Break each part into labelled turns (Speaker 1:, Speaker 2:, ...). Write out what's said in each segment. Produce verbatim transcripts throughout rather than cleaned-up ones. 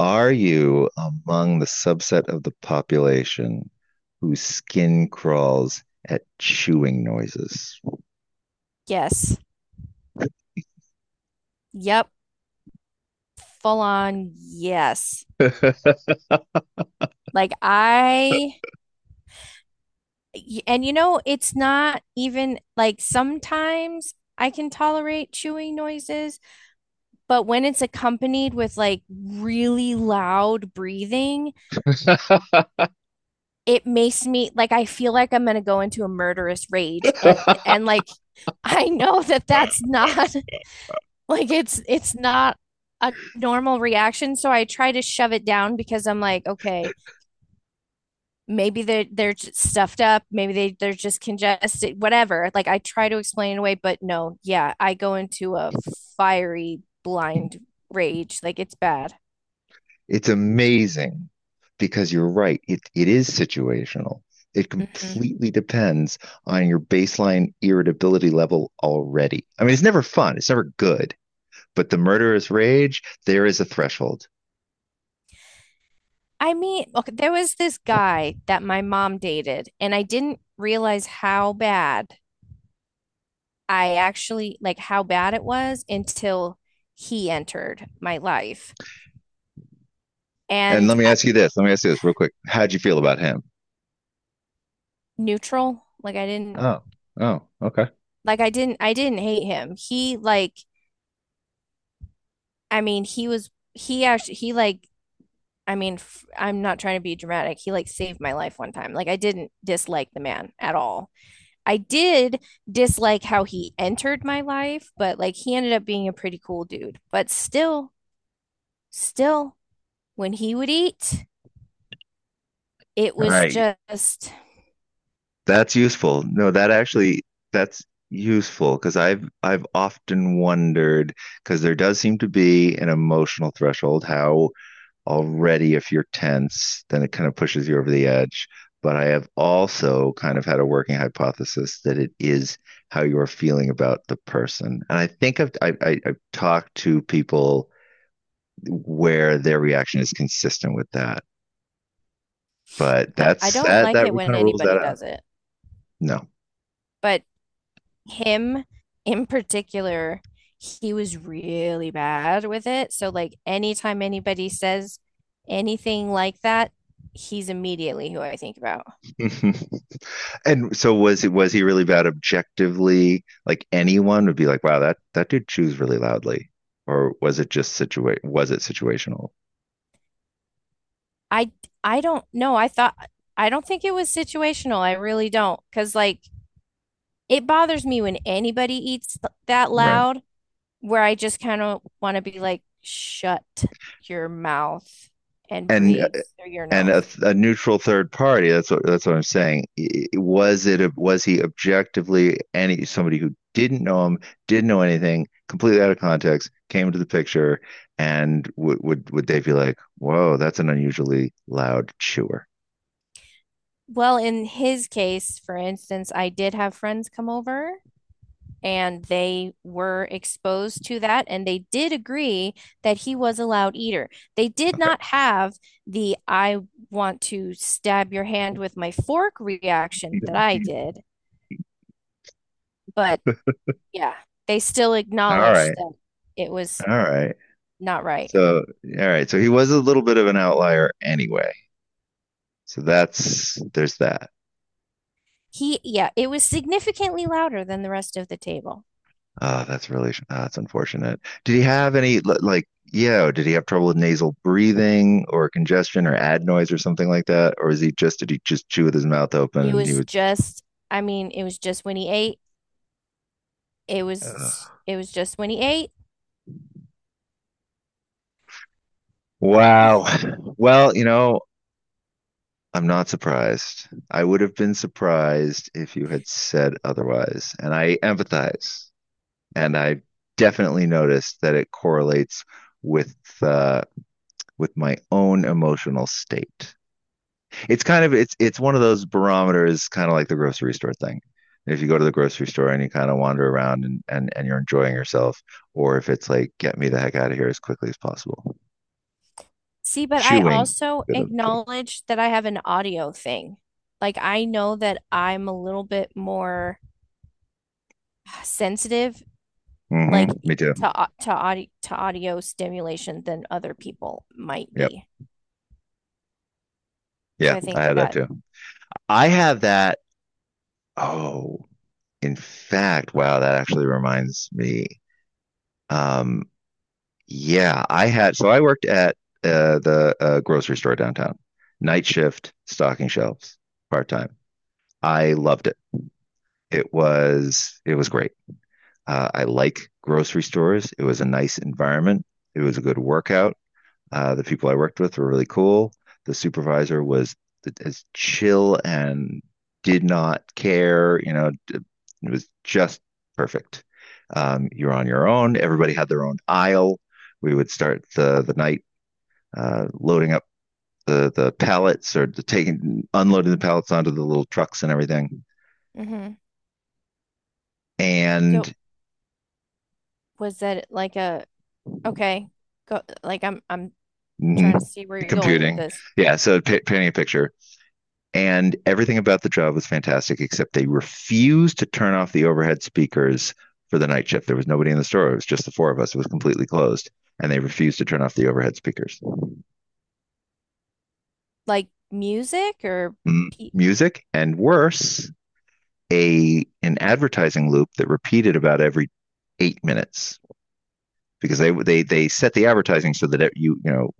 Speaker 1: Are you among the subset of the population whose skin crawls at chewing noises?
Speaker 2: Yes. Yep. Full on. Yes. Like I, y- and you know, It's not even like sometimes I can tolerate chewing noises, but when it's accompanied with like really loud breathing, it makes me like I feel like I'm gonna go into a murderous rage. And and like I know that that's not like it's it's not a normal reaction, so I try to shove it down because I'm like, okay. Maybe they're they're stuffed up, maybe they they're just congested, whatever. Like I try to explain it away, but no, yeah, I go into a fiery blind rage. Like it's bad.
Speaker 1: It's amazing because you're right. It, it is situational. It
Speaker 2: hmm
Speaker 1: completely depends on your baseline irritability level already. I mean, it's never fun, it's never good, but the murderous rage, there is a threshold.
Speaker 2: I mean, okay, there was this guy that my mom dated and I didn't realize how bad I actually, like how bad it was until he entered my life.
Speaker 1: And
Speaker 2: and
Speaker 1: let me
Speaker 2: I,
Speaker 1: ask you this. Let me ask you this real quick. How'd you feel about him?
Speaker 2: Neutral. Like I didn't,
Speaker 1: Oh, oh, okay.
Speaker 2: like i didn't i didn't hate him. He like I mean, he was, he actually he like I mean, f I'm not trying to be dramatic. He like saved my life one time. Like I didn't dislike the man at all. I did dislike how he entered my life, but like he ended up being a pretty cool dude. But still, still, when he would eat, it
Speaker 1: All
Speaker 2: was
Speaker 1: right.
Speaker 2: just...
Speaker 1: That's useful. No, that actually that's useful because I've I've often wondered because there does seem to be an emotional threshold how already if you're tense, then it kind of pushes you over the edge. But I have also kind of had a working hypothesis that it is how you're feeling about the person. And I think I've I, I, I've talked to people where their reaction is consistent with that. But
Speaker 2: I I
Speaker 1: that's
Speaker 2: don't
Speaker 1: that
Speaker 2: like
Speaker 1: that
Speaker 2: it
Speaker 1: kind
Speaker 2: when
Speaker 1: of rules that
Speaker 2: anybody
Speaker 1: out.
Speaker 2: does it.
Speaker 1: No.
Speaker 2: But him in particular, he was really bad with it. So like anytime anybody says anything like that, he's immediately who I think about.
Speaker 1: Mhm. And so was it was he really bad objectively? Like anyone would be like, wow, that that dude chews really loudly. Or was it just situa was it situational?
Speaker 2: I I don't know. I thought I don't think it was situational. I really don't. Because, like, it bothers me when anybody eats that
Speaker 1: Right.
Speaker 2: loud, where I just kind of want to be like, shut your mouth and
Speaker 1: And
Speaker 2: breathe through your
Speaker 1: and a,
Speaker 2: nose.
Speaker 1: a neutral third party, that's what that's what I'm saying. I- Was it a- was he objectively any somebody who didn't know him, didn't know anything, completely out of context, came into the picture, and would would would they be like, whoa, that's an unusually loud chewer.
Speaker 2: Well, in his case, for instance, I did have friends come over and they were exposed to that and they did agree that he was a loud eater. They did
Speaker 1: Okay.
Speaker 2: not have the I want to stab your hand with my fork reaction that I did, but yeah, they still
Speaker 1: All
Speaker 2: acknowledged
Speaker 1: right.
Speaker 2: that it was
Speaker 1: All right.
Speaker 2: not right.
Speaker 1: So, all right. So he was a little bit of an outlier anyway. So that's there's that.
Speaker 2: He, yeah, it was significantly louder than the rest of the table.
Speaker 1: Ah, that's really ah, that's unfortunate. Did he have any li- like, yeah, did he have trouble with nasal breathing or congestion or adenoids or something like that? Or is he just did he just chew with his mouth open
Speaker 2: It
Speaker 1: and he
Speaker 2: was
Speaker 1: would.
Speaker 2: just, I mean, it was just when he ate. It
Speaker 1: uh,
Speaker 2: was, it was just when he ate.
Speaker 1: wow. Well, you know, I'm not surprised. I would have been surprised if you had said otherwise, and I empathize. And I definitely noticed that it correlates with uh, with my own emotional state. It's kind of it's it's one of those barometers, kind of like the grocery store thing. If you go to the grocery store and you kind of wander around and, and and you're enjoying yourself, or if it's like get me the heck out of here as quickly as possible.
Speaker 2: See, but I
Speaker 1: Chewing,
Speaker 2: also
Speaker 1: good of them too.
Speaker 2: acknowledge that I have an audio thing. Like I know that I'm a little bit more sensitive,
Speaker 1: Mm-hmm.
Speaker 2: like
Speaker 1: Me too.
Speaker 2: to au- to audio to audio stimulation than other people might
Speaker 1: Yep.
Speaker 2: be. So
Speaker 1: Yeah,
Speaker 2: I
Speaker 1: I
Speaker 2: think
Speaker 1: have that
Speaker 2: that...
Speaker 1: too. I have that. Oh, in fact, wow, that actually reminds me. Um, Yeah, I had so I worked at uh, the uh, grocery store downtown, night shift, stocking shelves, part time. I loved it. It was it was great. Uh, I like grocery stores. It was a nice environment. It was a good workout. Uh, the people I worked with were really cool. The supervisor was as chill and did not care. You know, it was just perfect. Um, you're on your own. Everybody had their own aisle. We would start the the night, uh, loading up the the pallets or the taking unloading the pallets onto the little trucks and everything,
Speaker 2: Mm-hmm. So
Speaker 1: and
Speaker 2: was that like a, okay, go. Like I'm I'm
Speaker 1: mhm,
Speaker 2: trying to see where you're going with
Speaker 1: computing.
Speaker 2: this.
Speaker 1: Yeah, so pa painting a picture. And everything about the job was fantastic, except they refused to turn off the overhead speakers for the night shift. There was nobody in the store. It was just the four of us. It was completely closed. And they refused to turn off the overhead speakers.
Speaker 2: Like music, or
Speaker 1: M-
Speaker 2: pe
Speaker 1: music and worse, a an advertising loop that repeated about every eight minutes, because they they they set the advertising so that you you know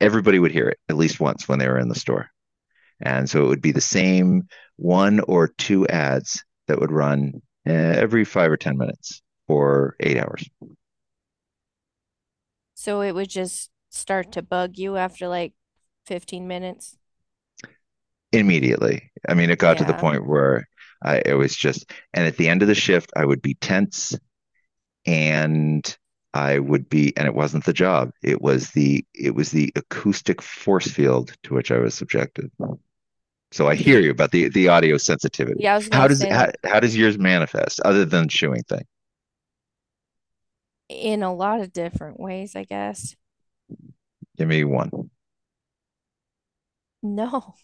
Speaker 1: everybody would hear it at least once when they were in the store, and so it would be the same one or two ads that would run uh, every five or ten minutes for eight hours.
Speaker 2: so it would just start to bug you after like fifteen minutes.
Speaker 1: Immediately. I mean, it got to the
Speaker 2: Yeah.
Speaker 1: point where I it was just, and at the end of the shift, I would be tense. And I would be, and it wasn't the job. It was the it was the acoustic force field to which I was subjected. So I hear
Speaker 2: the
Speaker 1: you about the the audio sensitivity.
Speaker 2: Yeah, I was
Speaker 1: How
Speaker 2: gonna
Speaker 1: does
Speaker 2: say
Speaker 1: how,
Speaker 2: like
Speaker 1: how does yours manifest other than the chewing thing?
Speaker 2: in a lot of different ways, I guess.
Speaker 1: Give me one.
Speaker 2: No,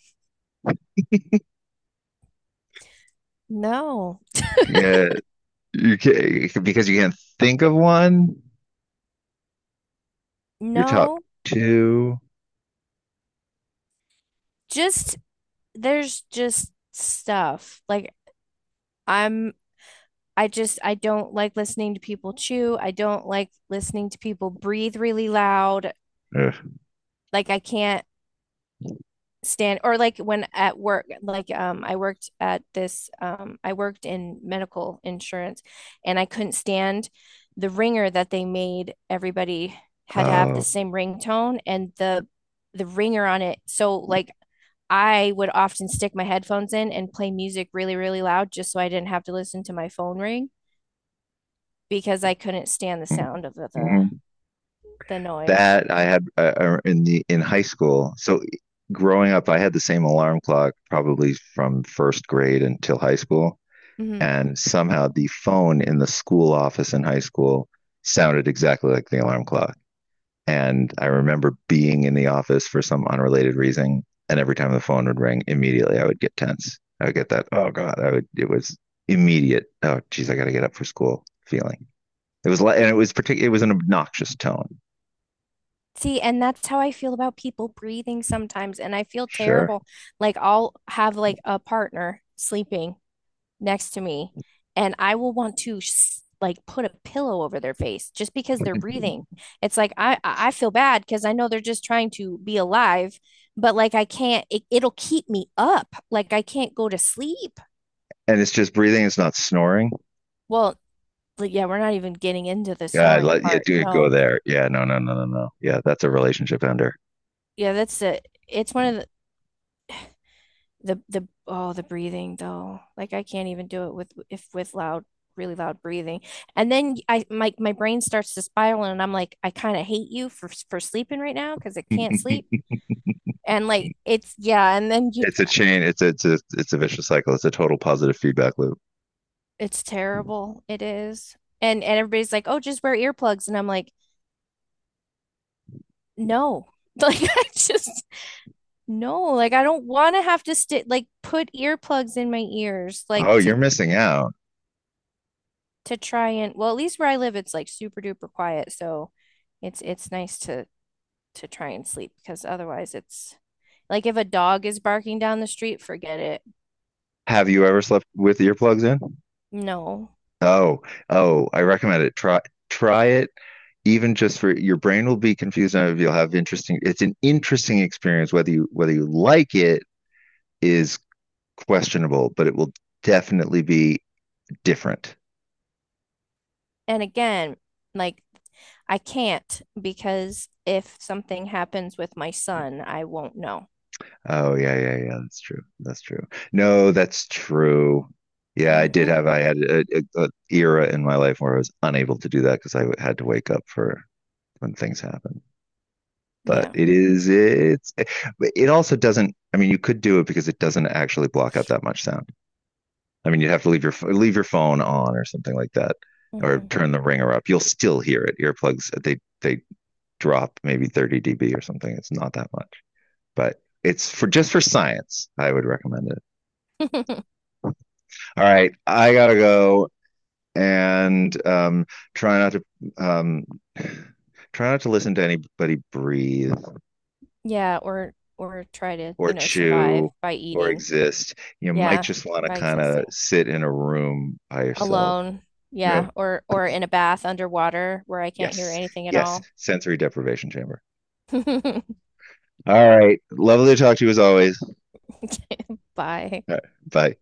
Speaker 2: no,
Speaker 1: Yeah, you can, because you can't think of one. Your top
Speaker 2: no.
Speaker 1: two.
Speaker 2: Just there's just stuff. Like I'm I just, I don't like listening to people chew. I don't like listening to people breathe really loud.
Speaker 1: Ugh.
Speaker 2: Like I can't stand, or like when at work, like um I worked at this, um I worked in medical insurance and I couldn't stand the ringer that they made everybody had to have the
Speaker 1: Oh,
Speaker 2: same ringtone, and the the ringer on it. So like I would often stick my headphones in and play music really really loud just so I didn't have to listen to my phone ring, because I couldn't stand the sound of the the,
Speaker 1: mhm.
Speaker 2: the noise.
Speaker 1: That I had, uh, uh, in the in high school. So growing up, I had the same alarm clock probably from first grade until high school,
Speaker 2: Mhm.
Speaker 1: and somehow the phone in the school office in high school sounded exactly like the alarm clock. And I remember being in the office for some unrelated reason. And every time the phone would ring, immediately I would get tense. I would get that, oh God, I would, it was immediate, oh geez, I got to get up for school feeling. It was like, and it was particular, it was an obnoxious tone.
Speaker 2: See, and that's how I feel about people breathing sometimes. And I feel
Speaker 1: Sure.
Speaker 2: terrible. Like I'll have like a partner sleeping next to me, and I will want to s- like put a pillow over their face just because they're breathing. It's like I I I feel bad because I know they're just trying to be alive, but like I can't. It, it'll keep me up. Like I can't go to sleep.
Speaker 1: And it's just breathing. It's not snoring.
Speaker 2: Well, like, yeah, we're not even getting into the
Speaker 1: Yeah.
Speaker 2: snoring
Speaker 1: Let, yeah.
Speaker 2: part.
Speaker 1: Do it go
Speaker 2: No,
Speaker 1: there. Yeah. No, no, no, no, no. Yeah. That's a relationship ender.
Speaker 2: yeah, that's it. It's one of the, the the oh, the breathing, though. Like I can't even do it with, if with loud, really loud breathing, and then I, my my brain starts to spiral and I'm like, I kind of hate you for for sleeping right now because I can't sleep.
Speaker 1: it's
Speaker 2: And like it's, yeah, and then you,
Speaker 1: a chain. It's a, it's a, it's a vicious cycle. It's a total positive feedback loop.
Speaker 2: it's terrible, it is. And and everybody's like, oh, just wear earplugs, and I'm like, no. Like I just no, like I don't want to have to stick, like put earplugs in my ears, like
Speaker 1: Oh,
Speaker 2: to
Speaker 1: you're missing out.
Speaker 2: to try and, well, at least where I live, it's like super duper quiet, so it's it's nice to to try and sleep because otherwise it's like if a dog is barking down the street, forget it.
Speaker 1: Have you ever slept with earplugs in?
Speaker 2: No.
Speaker 1: Oh, oh, I recommend it. Try try it, even just for your brain will be confused and you'll have interesting it's an interesting experience whether you whether you like it is questionable, but it will definitely be different.
Speaker 2: And again, like I can't, because if something happens with my son, I won't know.
Speaker 1: Oh yeah, yeah, yeah, that's true. That's true. No, that's true. Yeah, I did
Speaker 2: Hmm.
Speaker 1: have I had a, a, a era in my life where I was unable to do that because I had to wake up for when things happened. But
Speaker 2: Yeah.
Speaker 1: it is it's it also doesn't, I mean you could do it because it doesn't actually block out that much sound. I mean you'd have to leave your leave your phone on or something like that, or
Speaker 2: Hmm.
Speaker 1: turn the ringer up. You'll still hear it. Earplugs uh, they they drop maybe thirty dB or something. It's not that much. But it's for just for science, I would recommend it. All right, I got to go and um try not to um try not to listen to anybody breathe
Speaker 2: Yeah, or or try to,
Speaker 1: or
Speaker 2: you know, survive
Speaker 1: chew
Speaker 2: by
Speaker 1: or
Speaker 2: eating.
Speaker 1: exist. You might
Speaker 2: Yeah,
Speaker 1: just want to
Speaker 2: by
Speaker 1: kind of
Speaker 2: existing.
Speaker 1: sit in a room by yourself.
Speaker 2: Alone,
Speaker 1: No.
Speaker 2: yeah, or or in a bath underwater where I can't hear
Speaker 1: Yes.
Speaker 2: anything at
Speaker 1: Yes.
Speaker 2: all.
Speaker 1: Sensory deprivation chamber. All right. Lovely to talk to you as always.
Speaker 2: Bye.
Speaker 1: All right. Bye.